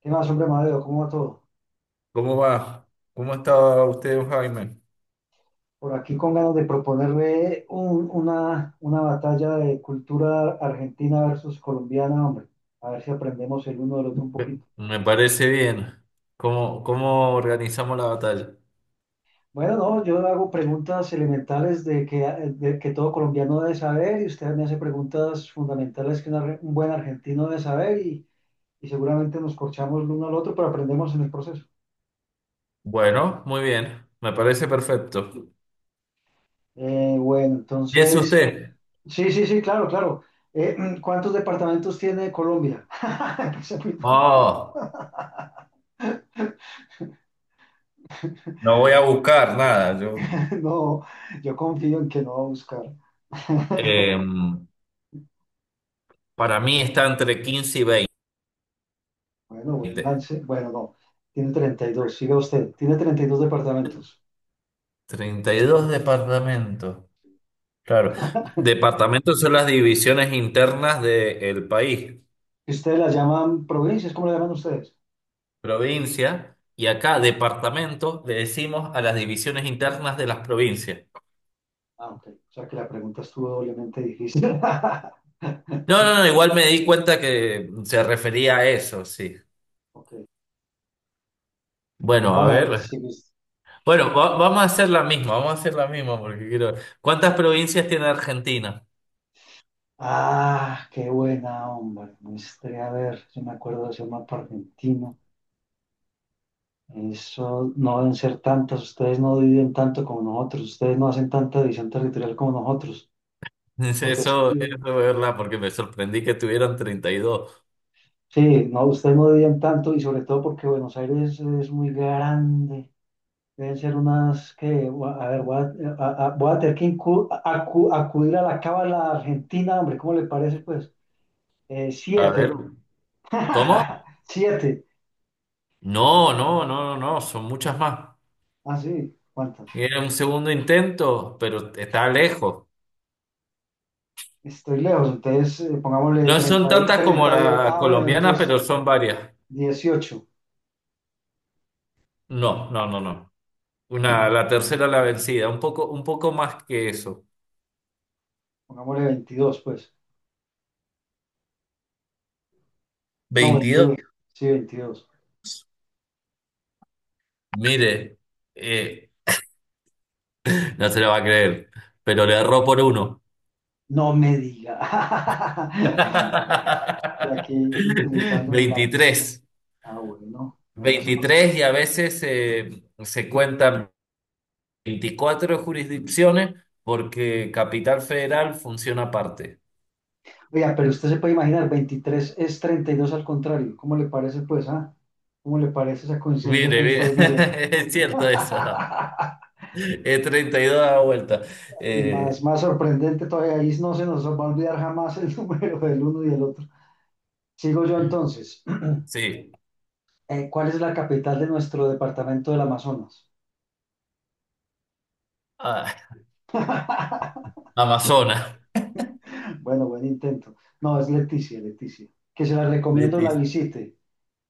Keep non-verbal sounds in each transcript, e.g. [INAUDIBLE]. ¿Qué más, hombre, Madeo? ¿Cómo va todo? ¿Cómo va? ¿Cómo está usted, don Jaime? Por aquí con ganas de proponerle una batalla de cultura argentina versus colombiana, hombre. A ver si aprendemos el uno del otro un Me poquito. me parece bien. ¿Cómo organizamos la batalla? Bueno, no, yo le hago preguntas elementales de que todo colombiano debe saber y usted me hace preguntas fundamentales que un buen argentino debe saber y seguramente nos corchamos el uno al otro, pero aprendemos en el proceso. Bueno, muy bien. Me parece perfecto. Bueno, ¿Y es entonces, usted? sí, sí, sí, claro, claro. Eh, ¿Cuántos departamentos tiene Colombia? [LAUGHS] Esa es muy buena. Oh, no voy a buscar nada. Yo, [LAUGHS] No, yo confío en que no va a buscar. [LAUGHS] em, para mí está entre 15 y Bueno, buen 20. lance. Bueno, no. Tiene treinta y dos, siga usted. Tiene 32 departamentos. 32 departamentos. Claro. Departamentos son las divisiones internas del país. ¿Y ustedes las llaman provincias? ¿Cómo las llaman ustedes? Provincia, y acá departamento le decimos a las divisiones internas de las provincias. Ah, ok. O sea que la pregunta estuvo doblemente difícil. [LAUGHS] No, no, no, igual me di cuenta que se refería a eso, sí. Ok. Bueno, a Ahora, ver. si mis- Bueno, vamos a hacer la misma, vamos a hacer la misma porque quiero... ¿Cuántas provincias tiene Argentina? Ah, qué buena, hombre. Me estaré a ver. Yo me acuerdo de ese mapa argentino. Eso no deben ser tantas. Ustedes no dividen tanto como nosotros. Ustedes no hacen tanta división territorial como nosotros. [LAUGHS] Eso, Porque es eso, es que verdad, porque me sorprendí que tuvieran 32. Sí, no, ustedes no debían tanto y sobre todo porque Buenos Aires es muy grande. Deben ser unas que, a ver, voy a tener que acudir a la cábala argentina, hombre, ¿cómo le parece, pues? A ver, Siete. [LAUGHS] ¿cómo? Siete. No, no, no, no, no, son muchas más. Ah, sí, ¿cuántas? Era un segundo intento, pero está lejos. Estoy lejos, entonces pongámosle No son 30, tantas como 30. La Ah, bueno, colombiana, entonces pero son varias. dieciocho. No, no, no, no. Una, la tercera la vencida, un poco más que eso. Pongámosle veintidós, pues. No, 22. veintidós. Sí, 22. Mire, eh, no se lo va a creer, pero le erró por uno. No me diga. [LAUGHS] Y aquí [LAUGHS] utilizando la 23, Ah, bueno. Bueno, eso no sé. 23 y a veces se cuentan 24 jurisdicciones porque Capital Federal funciona aparte. Oiga, pero usted se puede imaginar, 23 es 32 al contrario. ¿Cómo le parece, pues, ah? ¿Cómo le parece esa coincidencia Mire, tan mire, extraordinaria? [LAUGHS] es cierto eso. [LAUGHS] Es 32 a la vuelta. Y más, Eh, más sorprendente todavía, ahí no se nos va a olvidar jamás el [LAUGHS] número del uno y del otro. Sigo yo entonces. [CLEARS THROAT] sí. ¿Cuál es la capital de nuestro departamento del Amazonas? Ah, [LAUGHS] Amazonas. Bueno, buen intento. No, es Leticia, Leticia. Que se la recomiendo la Betis. visite.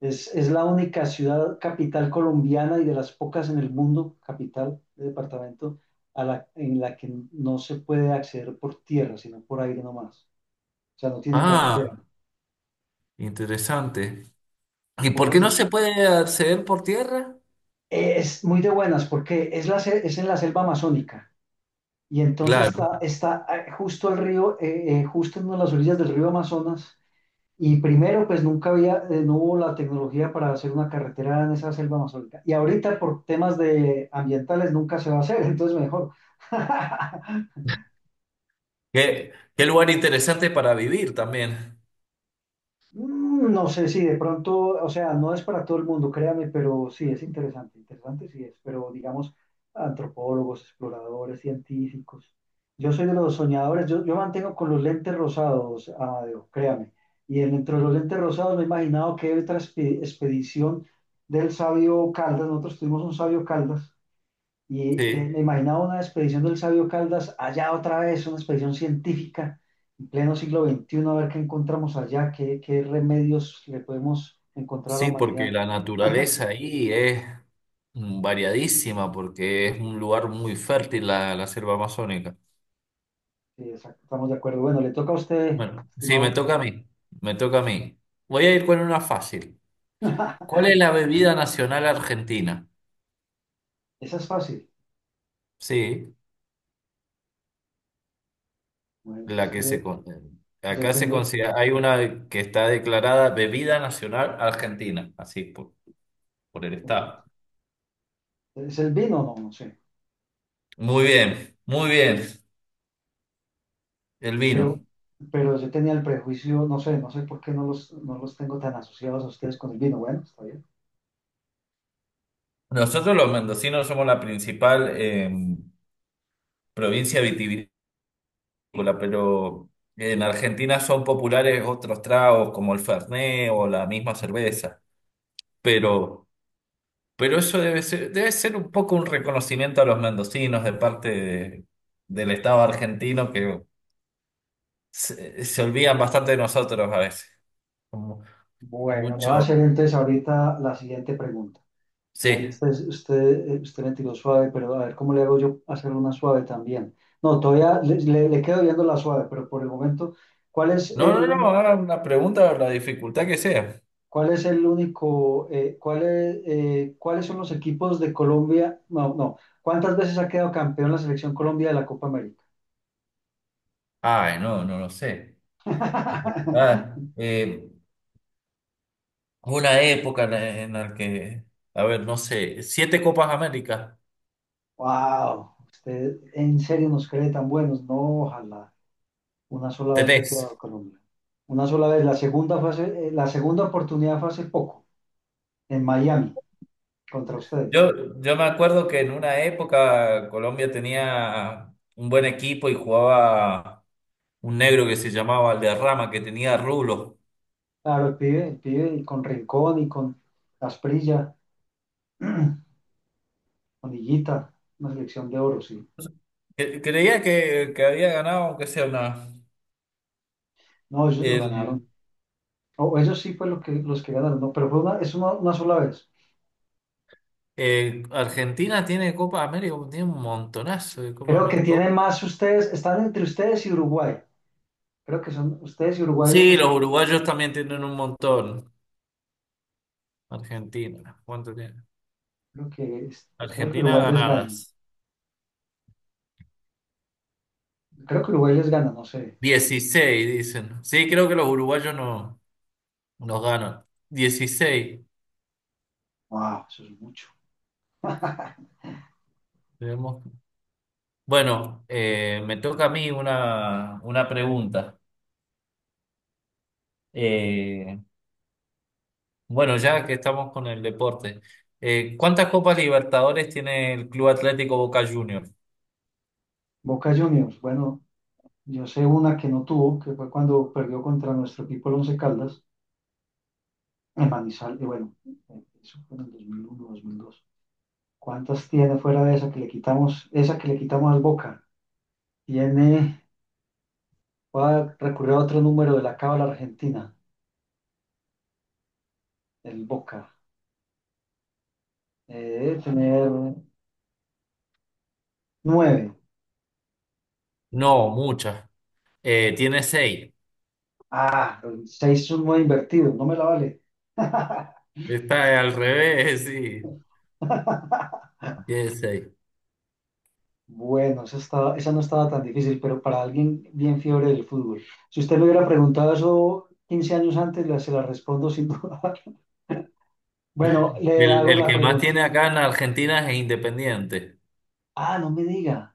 Es la única ciudad capital colombiana y de las pocas en el mundo, capital de departamento, en la que no se puede acceder por tierra, sino por aire nomás. O sea, no tiene carretera, Ah, interesante. ¿Y son por qué pocas en no se el- puede acceder por tierra? Es muy de buenas porque es en la selva amazónica y entonces Claro. Está justo el río, justo en una de las orillas del río Amazonas. Y primero, pues nunca había, no hubo la tecnología para hacer una carretera en esa selva amazónica. Y ahorita por temas de ambientales nunca se va a hacer, entonces mejor. [LAUGHS] Qué lugar interesante para vivir también. No sé si de pronto, o sea, no es para todo el mundo, créame, pero sí es interesante, interesante sí es, pero digamos, antropólogos, exploradores, científicos. Yo soy de los soñadores, yo mantengo con los lentes rosados, Amadeo, créame. Y dentro de los lentes rosados me he imaginado que otra expedición del sabio Caldas, nosotros tuvimos un sabio Caldas y Sí, me imaginaba una expedición del sabio Caldas allá otra vez, una expedición científica en pleno siglo veintiuno a ver qué encontramos allá, qué, qué remedios le podemos encontrar a la sí, porque humanidad. la naturaleza ahí es variadísima, porque es un lugar muy fértil la selva amazónica. Sí, exacto, estamos de acuerdo. Bueno, le toca a usted, Bueno, sí, estimado me Carlos. toca a mí. Me toca a mí. Voy a ir con una fácil. ¿Cuál es la [LAUGHS] bebida nacional argentina? Esa es fácil. Sí, Bueno, la pues que que yo, yo acá se tengo, considera, hay una que está declarada bebida nacional argentina, así por el Estado. ¿es el vino? No, no sé. Muy bien, el Pero, vino. pero yo tenía el prejuicio, no sé, no sé por qué no los, no los tengo tan asociados a ustedes con el vino. Bueno, está bien. Nosotros los mendocinos somos la principal provincia vitivinícola, pero en Argentina son populares otros tragos como el Fernet o la misma cerveza. Pero, pero eso debe ser, un poco un reconocimiento a los mendocinos del Estado argentino que se olvidan bastante de nosotros a veces. Como Bueno, le voy a mucho. hacer entonces ahorita la siguiente pregunta. Ahí Sí. Usted me tiró suave, pero a ver cómo le hago yo hacer una suave también. No, todavía le quedo viendo la suave, pero por el momento, ¿cuál es No, no, el, no, un- haga una pregunta, la dificultad que sea. ¿cuál es el único, cuál es, cuáles son los equipos de Colombia? No, no. ¿Cuántas veces ha quedado campeón la selección Colombia de la Copa América? Ay, no, no lo sé. Eh, ah, [LAUGHS] eh, una época en en la que, a ver, no sé, 7 Copas América Wow, usted en serio nos cree tan buenos. No, ojalá. Una sola vez ha quedado tenés. Colombia. Una sola vez. La segunda oportunidad fue hace poco, en Miami contra ustedes. Yo me acuerdo que en una época Colombia tenía un buen equipo y jugaba un negro que se llamaba Valderrama, que tenía rulos. Claro, el pibe y con Rincón y con Asprilla, [CLEARS THROAT] con Higuita, una selección de oro, sí. Creía que había ganado, aunque sea una. No, ellos no ganaron. El, O ellos sí fue lo que, los que ganaron, no, pero fue una, es una sola vez. Argentina tiene Copa América, tiene un montonazo de Copa Creo que América. tienen más ustedes, están entre ustedes y Uruguay. Creo que son ustedes y Uruguay Sí, los los uruguayos también tienen un montón. Argentina, ¿cuánto tiene? Creo que Argentina Uruguay les gana. ganadas. Creo que Uruguay les gana, no sé. 16 dicen. Sí, creo que los uruguayos no nos ganan. 16. Wow, eso es mucho. Tenemos- Bueno, me toca a mí una pregunta. Eh, bueno, ya que estamos con el deporte, ¿cuántas Copas Libertadores tiene el Club Atlético Boca Juniors? Boca Juniors, bueno, yo sé una que no tuvo, que fue cuando perdió contra nuestro equipo el Once Caldas, en Manizal, y bueno, eso fue en el 2001, 2002. ¿Cuántas tiene fuera de esa que le quitamos, esa que le quitamos al Boca? Tiene, voy a recurrir a otro número de la cábala argentina, el Boca. Debe tener nueve. No, muchas. Tiene 6. Ah, seis es un nueve invertido, no me la vale. [LAUGHS] Está al revés, [LAUGHS] sí. Tiene seis. Bueno, esa no estaba tan difícil, pero para alguien bien fiebre del fútbol. Si usted le hubiera preguntado eso 15 años antes, se la respondo sin duda. [LAUGHS] Bueno, le El, hago el la que más pregunta. tiene acá en Argentina es Independiente. Ah, no me diga.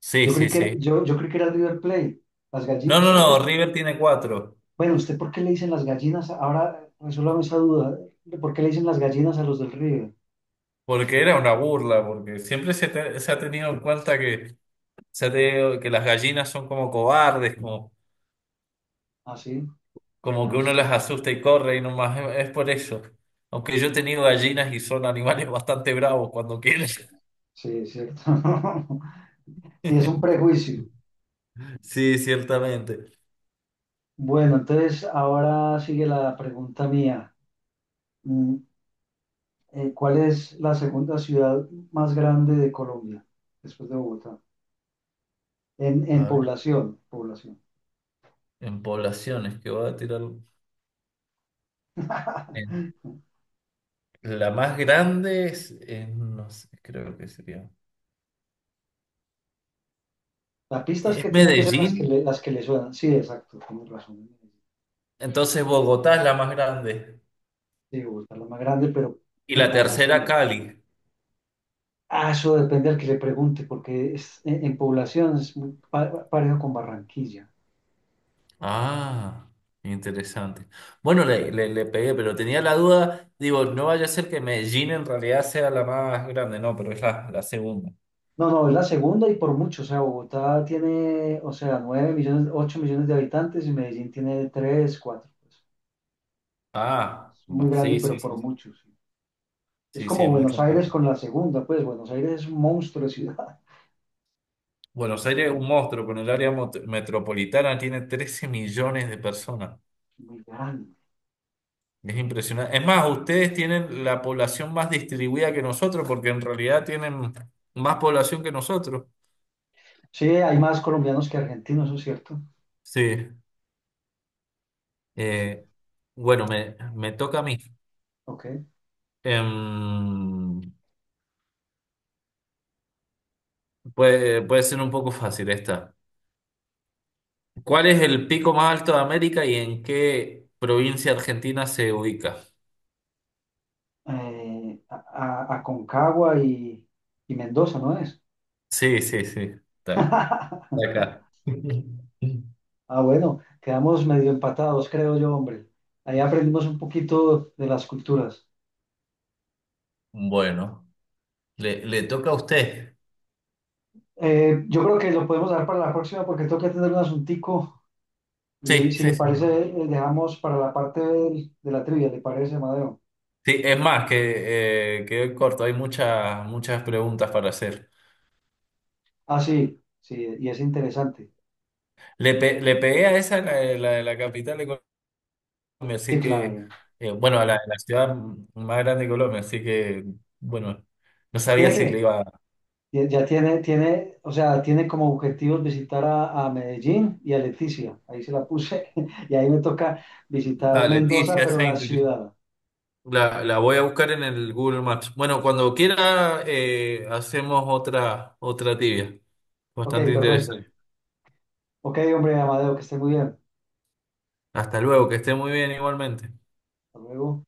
Sí, sí, sí. Yo creí que era River Plate. Las gallinas, No, no, ¿ustedes no, por- River tiene 4. bueno, ¿usted por qué le dicen las gallinas? Ahora resuélvame esa duda. ¿Por qué le dicen las gallinas a los del River? Porque era una burla, porque siempre se ha tenido en cuenta que, se ha tenido- que las gallinas son como cobardes, como, Ah, sí, como a que uno usted. las asusta y corre y nomás es por eso. Aunque yo he tenido gallinas y son animales [LAUGHS] bastante bravos cuando quieren. Sí, sí, es cierto. [LAUGHS] Sí, es un [LAUGHS] prejuicio. Sí, ciertamente. Bueno, entonces ahora sigue la pregunta mía. Mm, ¿Cuál es la segunda ciudad más grande de Colombia, después de Bogotá? En población, población. En poblaciones que voy a tirar. en- [LAUGHS] la más grande no sé, creo que sería. La pista es que Es tiene que ser Medellín, las que le suenan. Sí, exacto, tienes razón. entonces Bogotá es la más grande. Sí, Bogotá es la más grande, pero Y en la tercera, población. Cali. Ah, eso depende del que le pregunte, porque es, en población es muy parejo con Barranquilla. Ah, interesante. Bueno, le pegué, pero tenía la duda, digo, no vaya a ser que Medellín en realidad sea la más grande, no, pero es la segunda. No, no, es la segunda y por mucho. O sea, Bogotá tiene, o sea, 9 millones, 8 millones de habitantes y Medellín tiene 3, 4. Pues, Ah, es muy va, grande, sí, sí, pero por sí, sí, mucho, sí. Es sí, sí, como es mucho Buenos Aires más. con la segunda, pues Buenos Aires es un monstruo de ciudad, Buenos Aires es un monstruo, con el área metropolitana tiene 13 millones de personas. muy grande. Es impresionante. Es más, ustedes tienen la población más distribuida que nosotros, porque en realidad tienen más población que nosotros. Sí, hay más colombianos que argentinos, eso es cierto. Sí. Eso sí. Eh, bueno, me toca a mí. Ok. Em, puede ser un poco fácil esta. ¿Cuál es el pico más alto de América y en qué provincia argentina se ubica? Eh, a, Aconcagua y Mendoza, ¿no es? Sí, sí, sí. Está, [LAUGHS] está acá. [LAUGHS] Ah, bueno, quedamos medio empatados, creo yo, hombre. Ahí aprendimos un poquito de las culturas. Bueno, le toca a usted. Yo creo que lo podemos dar para la próxima porque tengo que atender un asuntico y Sí, si sí, le sí. parece, dejamos para de, la trivia, ¿le parece, Amadeo? Sí, es más, que corto, hay muchas, muchas preguntas para hacer. Ah, sí, sí, y es interesante. Le pegué a esa, la, de la de la capital de Colombia, Sí, así que, claro. Bueno, a la ciudad más grande de Colombia, así que, bueno, no sabía Tiene si le que, iba a... ya tiene, tiene, o sea, tiene como objetivos visitar a Medellín y a Leticia. Ahí se la puse. [LAUGHS] Y ahí me toca visitar Ah, Mendoza, Leticia, pero esa la ciudad. la voy a buscar en el Google Maps. Bueno, cuando quiera, hacemos otra tibia, Ok, bastante perfecto. interesante. Ok, hombre, Amadeo, que esté muy bien. Hasta luego, que esté muy bien igualmente. Hasta luego.